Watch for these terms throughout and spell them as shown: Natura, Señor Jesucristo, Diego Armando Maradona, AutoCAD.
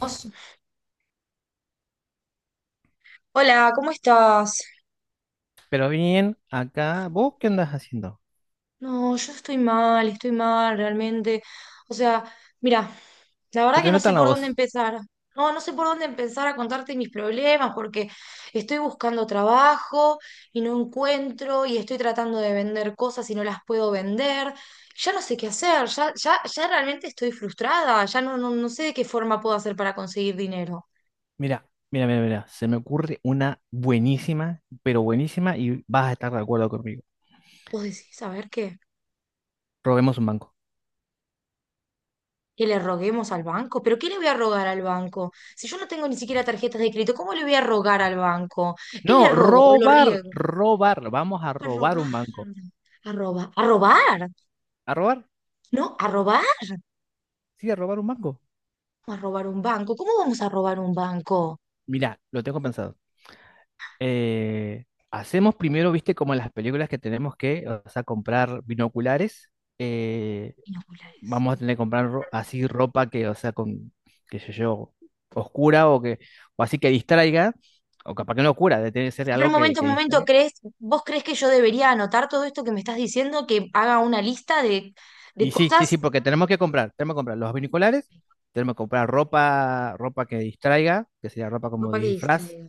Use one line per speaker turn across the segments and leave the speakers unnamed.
Vos. Hola, ¿cómo estás?
Pero bien, acá, ¿vos qué andas haciendo?
No, yo estoy mal realmente. O sea, mira, la
Se
verdad que
te
no
nota
sé
en la
por
voz.
dónde empezar. No, no sé por dónde empezar a contarte mis problemas porque estoy buscando trabajo y no encuentro y estoy tratando de vender cosas y no las puedo vender. Ya no sé qué hacer, ya, ya, ya realmente estoy frustrada, ya no, no, no sé de qué forma puedo hacer para conseguir dinero.
Mira, mira, mira, mira. Se me ocurre una buenísima, pero buenísima, y vas a estar de acuerdo conmigo.
¿Vos decís, a ver qué?
Robemos un banco.
Que le roguemos al banco. ¿Pero qué le voy a rogar al banco? Si yo no tengo ni siquiera tarjetas de crédito, ¿cómo le voy a rogar al banco? ¿Qué le
No,
rogo o lo
robar,
riego?
robar. Vamos a
A
robar un
robar,
banco.
a robar, a robar,
¿A robar?
¿no?
Sí, a robar un banco.
A robar un banco. ¿Cómo vamos a robar un banco?
Mira, lo tengo pensado. Eh, Hacemos primero, viste, como en las películas que tenemos que, o sea, comprar binoculares. eh,
Binoculares.
Vamos a tener que comprar así ropa que, o sea, con, qué sé yo, oscura o que, o así que distraiga, o capaz que no oscura, debe tener que ser
A ver,
algo que
un momento,
distraiga.
¿vos crees que yo debería anotar todo esto que me estás diciendo, que haga una lista de
Y sí, sí, sí,
cosas?
porque tenemos que comprar los binoculares, tenemos que comprar ropa, ropa que distraiga, que sería ropa como
Ropa que
disfraz,
distraiga.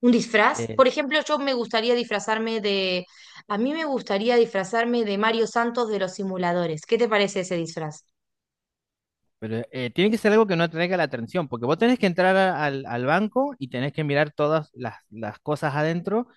Un disfraz.
eh,
Por ejemplo, yo me gustaría disfrazarme de... A mí me gustaría disfrazarme de Mario Santos de los simuladores. ¿Qué te parece ese disfraz?
pero tiene que ser algo que no atraiga la atención, porque vos tenés que entrar al banco y tenés que mirar todas las cosas adentro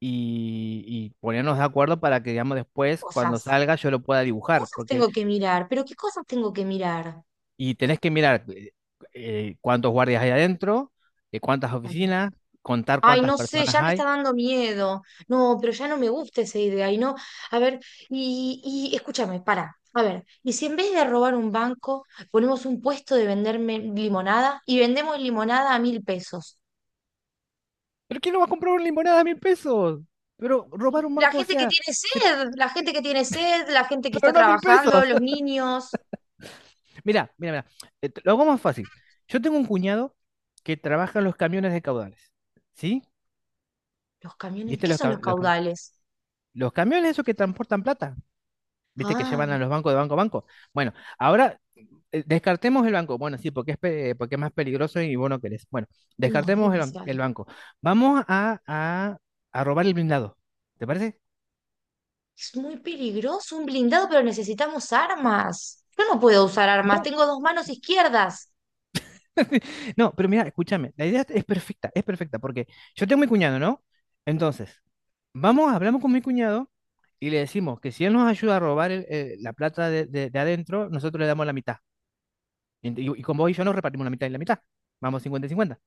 y ponernos de acuerdo para que, digamos, después, cuando
Cosas.
salga, yo lo pueda dibujar.
Cosas
porque
tengo que mirar, pero ¿qué cosas tengo que mirar?
y tenés que mirar cuántos guardias hay adentro, cuántas
A ver.
oficinas, contar
Ay,
cuántas
no sé,
personas
ya me está
hay.
dando miedo. No, pero ya no me gusta esa idea. Y no, a ver, y escúchame, para. A ver, ¿y si en vez de robar un banco, ponemos un puesto de venderme limonada y vendemos limonada a mil pesos?
¿Pero quién no va a comprar una limonada a mil pesos? Pero robar un
La
banco, o
gente que
sea,
tiene
se-
sed, la gente que tiene sed, la gente que
pero
está
no a mil
trabajando,
pesos.
los niños,
Mira, mira, mira. Lo hago más fácil. Yo tengo un cuñado que trabaja en los camiones de caudales. ¿Sí?
los camiones.
¿Viste
¿Qué son los caudales?
los camiones esos que transportan plata? Viste que llevan
Ah,
a los bancos de banco a banco. Bueno, ahora descartemos el banco. Bueno, sí, porque porque es más peligroso y vos no querés. Bueno,
no, es
descartemos
demasiado.
el banco. Vamos a robar el blindado. ¿Te parece?
Es muy peligroso un blindado, pero necesitamos armas. Yo no puedo usar armas,
No,
tengo dos manos izquierdas.
no, pero mira, escúchame. La idea es perfecta, porque yo tengo mi cuñado, ¿no? Entonces, vamos, hablamos con mi cuñado y le decimos que si él nos ayuda a robar la plata de adentro, nosotros le damos la mitad. Y con vos y yo nos repartimos la mitad y la mitad. Vamos cincuenta y 50.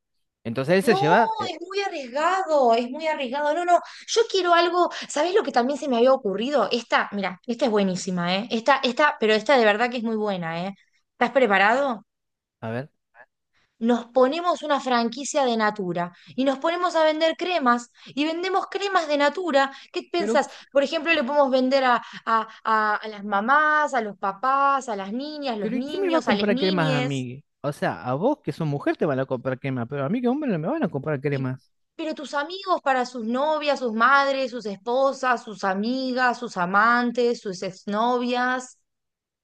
Entonces él se
No,
lleva, eh,
es muy arriesgado, es muy arriesgado. No, no, yo quiero algo. ¿Sabés lo que también se me había ocurrido? Esta, mira, esta es buenísima, ¿eh? Esta, pero esta de verdad que es muy buena, ¿eh? ¿Estás preparado?
A ver,
Nos ponemos una franquicia de Natura y nos ponemos a vender cremas y vendemos cremas de Natura. ¿Qué
pero,
pensás? Por ejemplo, le podemos vender a las mamás, a los papás, a las niñas, los
pero ¿y quién me va a
niños, a las
comprar cremas a
niñes.
mí? O sea, a vos que sos mujer te van a comprar cremas, pero a mí que hombre no me van a comprar
Y,
cremas.
pero tus amigos para sus novias, sus madres, sus esposas, sus amigas, sus amantes, sus exnovias.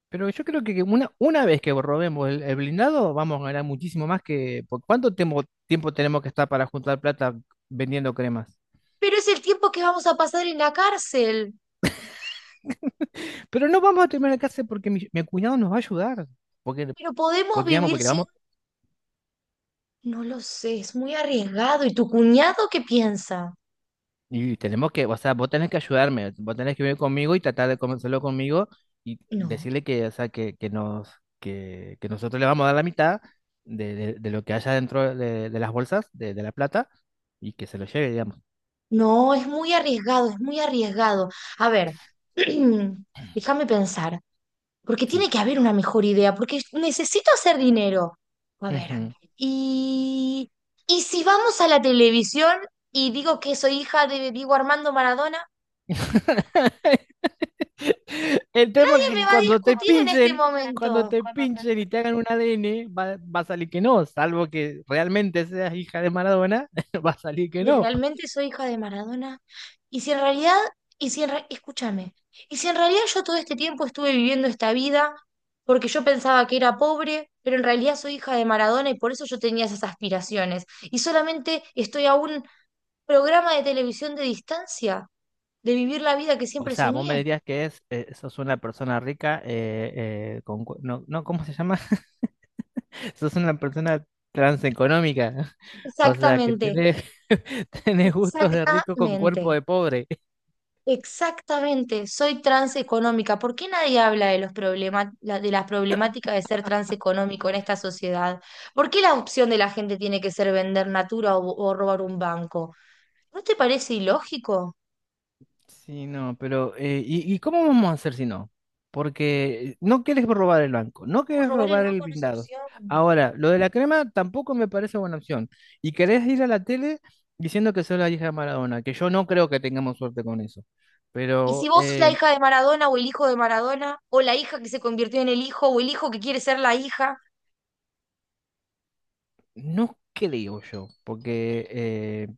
Pero yo creo que una vez que robemos el blindado, vamos a ganar muchísimo más que... ¿Por cuánto tiempo tenemos que estar para juntar plata vendiendo cremas?
Pero es el tiempo que vamos a pasar en la cárcel.
Pero no vamos a terminar la casa porque mi cuñado nos va a ayudar. Porque,
Pero podemos
porque, vamos,
vivir
porque le
sin...
vamos.
No lo sé, es muy arriesgado. ¿Y tu cuñado qué piensa?
Y tenemos que, o sea, vos tenés que ayudarme, vos tenés que venir conmigo y tratar de convencerlo conmigo y
No,
decirle que, o sea, que nosotros le vamos a dar la mitad de lo que haya dentro de las bolsas, de la plata, y que se lo lleve, digamos.
no, es muy arriesgado, es muy arriesgado. A ver, déjame pensar, porque
Sí.
tiene que haber una mejor idea, porque necesito hacer dinero. A ver,
Ujú.
y, y si vamos a la televisión y digo que soy hija de Diego Armando Maradona,
El tema es
nadie me
que
va a discutir en este
cuando
momento.
te pinchen y te hagan un ADN, va a salir que no, salvo que realmente seas hija de Maradona. Va a salir que
Si
no.
realmente soy hija de Maradona, y si en realidad, y si en re- escúchame, y si en realidad yo todo este tiempo estuve viviendo esta vida porque yo pensaba que era pobre, pero en realidad soy hija de Maradona y por eso yo tenía esas aspiraciones, y solamente estoy a un programa de televisión de distancia de vivir la vida que
O
siempre
sea,
soñé.
vos me dirías que sos una persona rica, no, no, ¿cómo se llama? Sos una persona transeconómica. O sea, que
Exactamente,
tenés, tenés gustos de rico con cuerpo
exactamente.
de pobre.
Exactamente, soy transeconómica. ¿Por qué nadie habla de los problema- la- de las problemáticas de ser transeconómico en esta sociedad? ¿Por qué la opción de la gente tiene que ser vender Natura o robar un banco? ¿No te parece ilógico?
Sí, no, pero y cómo vamos a hacer si no? Porque no quieres robar el banco, no
No,
quieres
robar el
robar el
banco no es
blindado.
opción.
Ahora, lo de la crema tampoco me parece buena opción. Y querés ir a la tele diciendo que sos la hija de Maradona, que yo no creo que tengamos suerte con eso.
Y
Pero,
si vos sos la
eh,
hija de Maradona o el hijo de Maradona, o la hija que se convirtió en el hijo, o el hijo que quiere ser la hija,
No creo yo, porque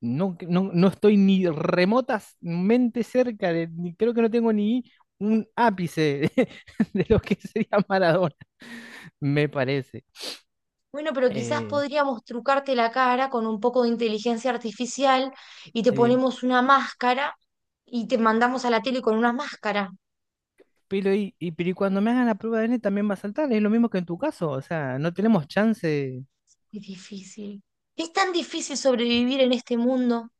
no, no, no estoy ni remotamente cerca de, ni, creo que no tengo ni un ápice de, de lo que sería Maradona, me parece.
bueno, pero quizás
Eh,
podríamos trucarte la cara con un poco de inteligencia artificial y te
sí.
ponemos una máscara y te mandamos a la tele con una máscara.
Pero y cuando me hagan la prueba de ADN también va a saltar, es lo mismo que en tu caso, o sea, no tenemos chance.
Es difícil. Es tan difícil sobrevivir en este mundo.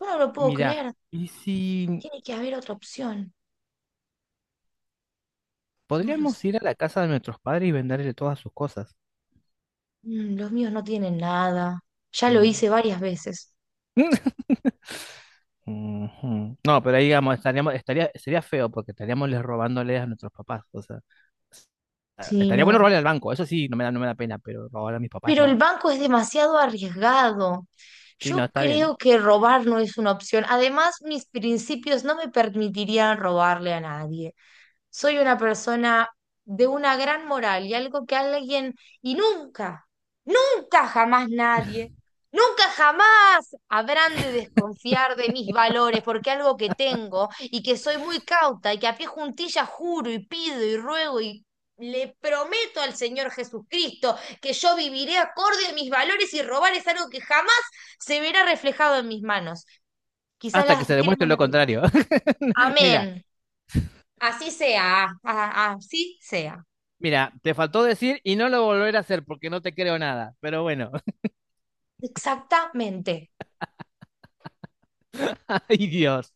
Yo no lo puedo
Mirá,
creer.
¿y si
Tiene que haber otra opción. No lo
podríamos
sé.
ir a la casa de nuestros padres y venderle todas sus cosas?
Mm, los míos no tienen nada. Ya lo
Mm.
hice varias veces.
Ujú. No, pero ahí digamos, sería feo porque estaríamos les robándole a nuestros papás. O sea,
Sí,
estaría bueno
no.
robarle al banco, eso sí, no me da pena, pero robarle a mis papás
Pero el
no.
banco es demasiado arriesgado.
Sí, no,
Yo
está bien.
creo que robar no es una opción. Además, mis principios no me permitirían robarle a nadie. Soy una persona de una gran moral y algo que alguien, y nunca, nunca jamás nadie, nunca jamás habrán de desconfiar de mis valores porque algo que tengo y que soy muy cauta y que a pie juntillas juro y pido y ruego y le prometo al Señor Jesucristo que yo viviré acorde a mis valores y robar es algo que jamás se verá reflejado en mis manos. Quizás
Hasta que
las
se demuestre
queremos
lo
natural.
contrario. Mira,
Amén. Así sea. Ah, ah, así sea.
mira, te faltó decir y no lo volveré a hacer porque no te creo nada. Pero bueno,
Exactamente.
ay Dios.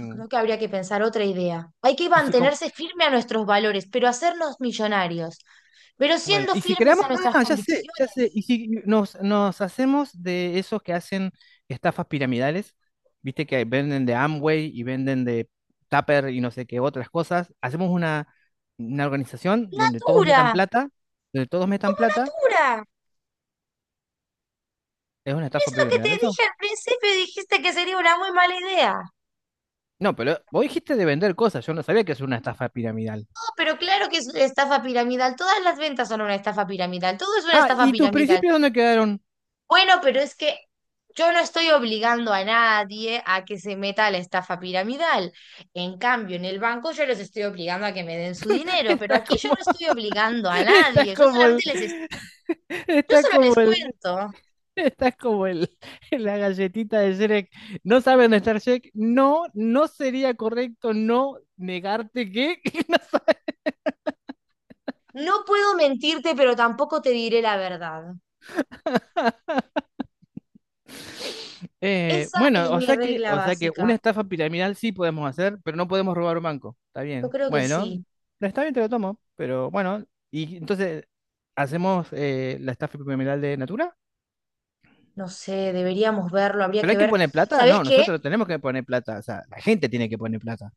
Yo creo que habría que pensar otra idea. Hay que
y si com
mantenerse firme a nuestros valores, pero hacernos millonarios. Pero
Bueno,
siendo
y si
firmes
creamos,
a nuestras
ah, ya sé,
convicciones.
y si nos hacemos de esos que hacen estafas piramidales, viste que venden de Amway y venden de Tupper y no sé qué otras cosas, hacemos una organización
Natura,
donde todos metan
como
plata,
Natura.
es una
Es
estafa
lo que
piramidal
te
eso.
dije al principio y dijiste que sería una muy mala idea.
No, pero vos dijiste de vender cosas, yo no sabía que es una estafa piramidal.
Pero claro que es una estafa piramidal. Todas las ventas son una estafa piramidal. Todo es una
Ah,
estafa
¿y tus
piramidal.
principios dónde quedaron?
Bueno, pero es que yo no estoy obligando a nadie a que se meta a la estafa piramidal. En cambio, en el banco yo los estoy obligando a que me den su dinero, pero
Estás
aquí yo no
como,
estoy obligando a
estás
nadie.
como el,
Yo
estás
solo
como
les
el
cuento.
Estás como el, la galletita de Shrek. No sabe dónde está Shrek. No, no sería correcto no negarte que, que no sabe.
No puedo mentirte, pero tampoco te diré la verdad. Esa
Bueno,
es
o
mi
sea que,
regla
una
básica.
estafa piramidal sí podemos hacer, pero no podemos robar un banco. Está
Yo
bien.
creo que
Bueno,
sí.
no está bien, te lo tomo. Pero bueno, y entonces, ¿hacemos la estafa piramidal de Natura?
No sé, deberíamos verlo, habría
¿Pero
que
hay que
ver.
poner plata?
¿Sabes
No,
qué?
nosotros tenemos que poner plata. O sea, la gente tiene que poner plata.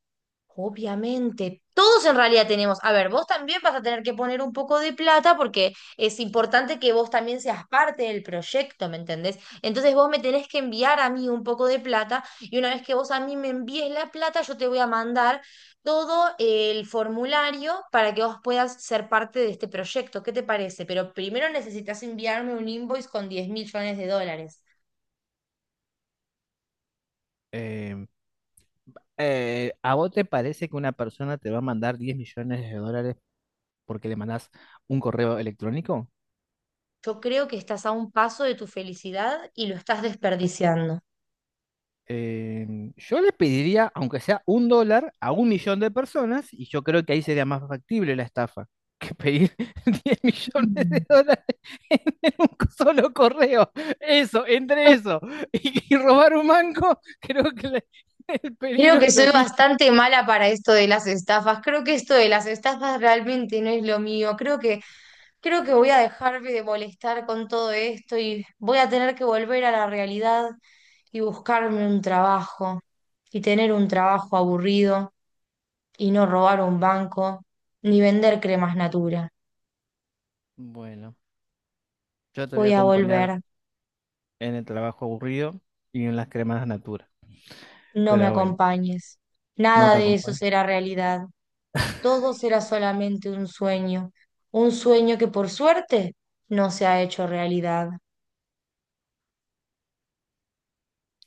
Obviamente, todos en realidad tenemos. A ver, vos también vas a tener que poner un poco de plata porque es importante que vos también seas parte del proyecto, ¿me entendés? Entonces vos me tenés que enviar a mí un poco de plata y una vez que vos a mí me envíes la plata, yo te voy a mandar todo el formulario para que vos puedas ser parte de este proyecto. ¿Qué te parece? Pero primero necesitas enviarme un invoice con 10 millones de dólares.
Eh, ¿a vos te parece que una persona te va a mandar 10 millones de dólares porque le mandás un correo electrónico?
Yo creo que estás a un paso de tu felicidad y lo estás desperdiciando.
Eh, yo le pediría, aunque sea un dólar, a un millón de personas, y yo creo que ahí sería más factible la estafa que pedir diez millones de
Mm.
dólares en un solo correo. Eso, entre eso y robar un banco, creo que el
Creo
peligro
que
es lo
soy
mismo.
bastante mala para esto de las estafas. Creo que esto de las estafas realmente no es lo mío. Creo que voy a dejarme de molestar con todo esto y voy a tener que volver a la realidad y buscarme un trabajo y tener un trabajo aburrido y no robar un banco ni vender cremas Natura.
Bueno, yo te voy a
Voy a
acompañar
volver,
en el trabajo aburrido y en las cremas de Natura.
no me
Pero bueno.
acompañes.
No
Nada
te
de eso
acompaño.
será realidad. Todos era solamente un sueño que por suerte no se ha hecho realidad.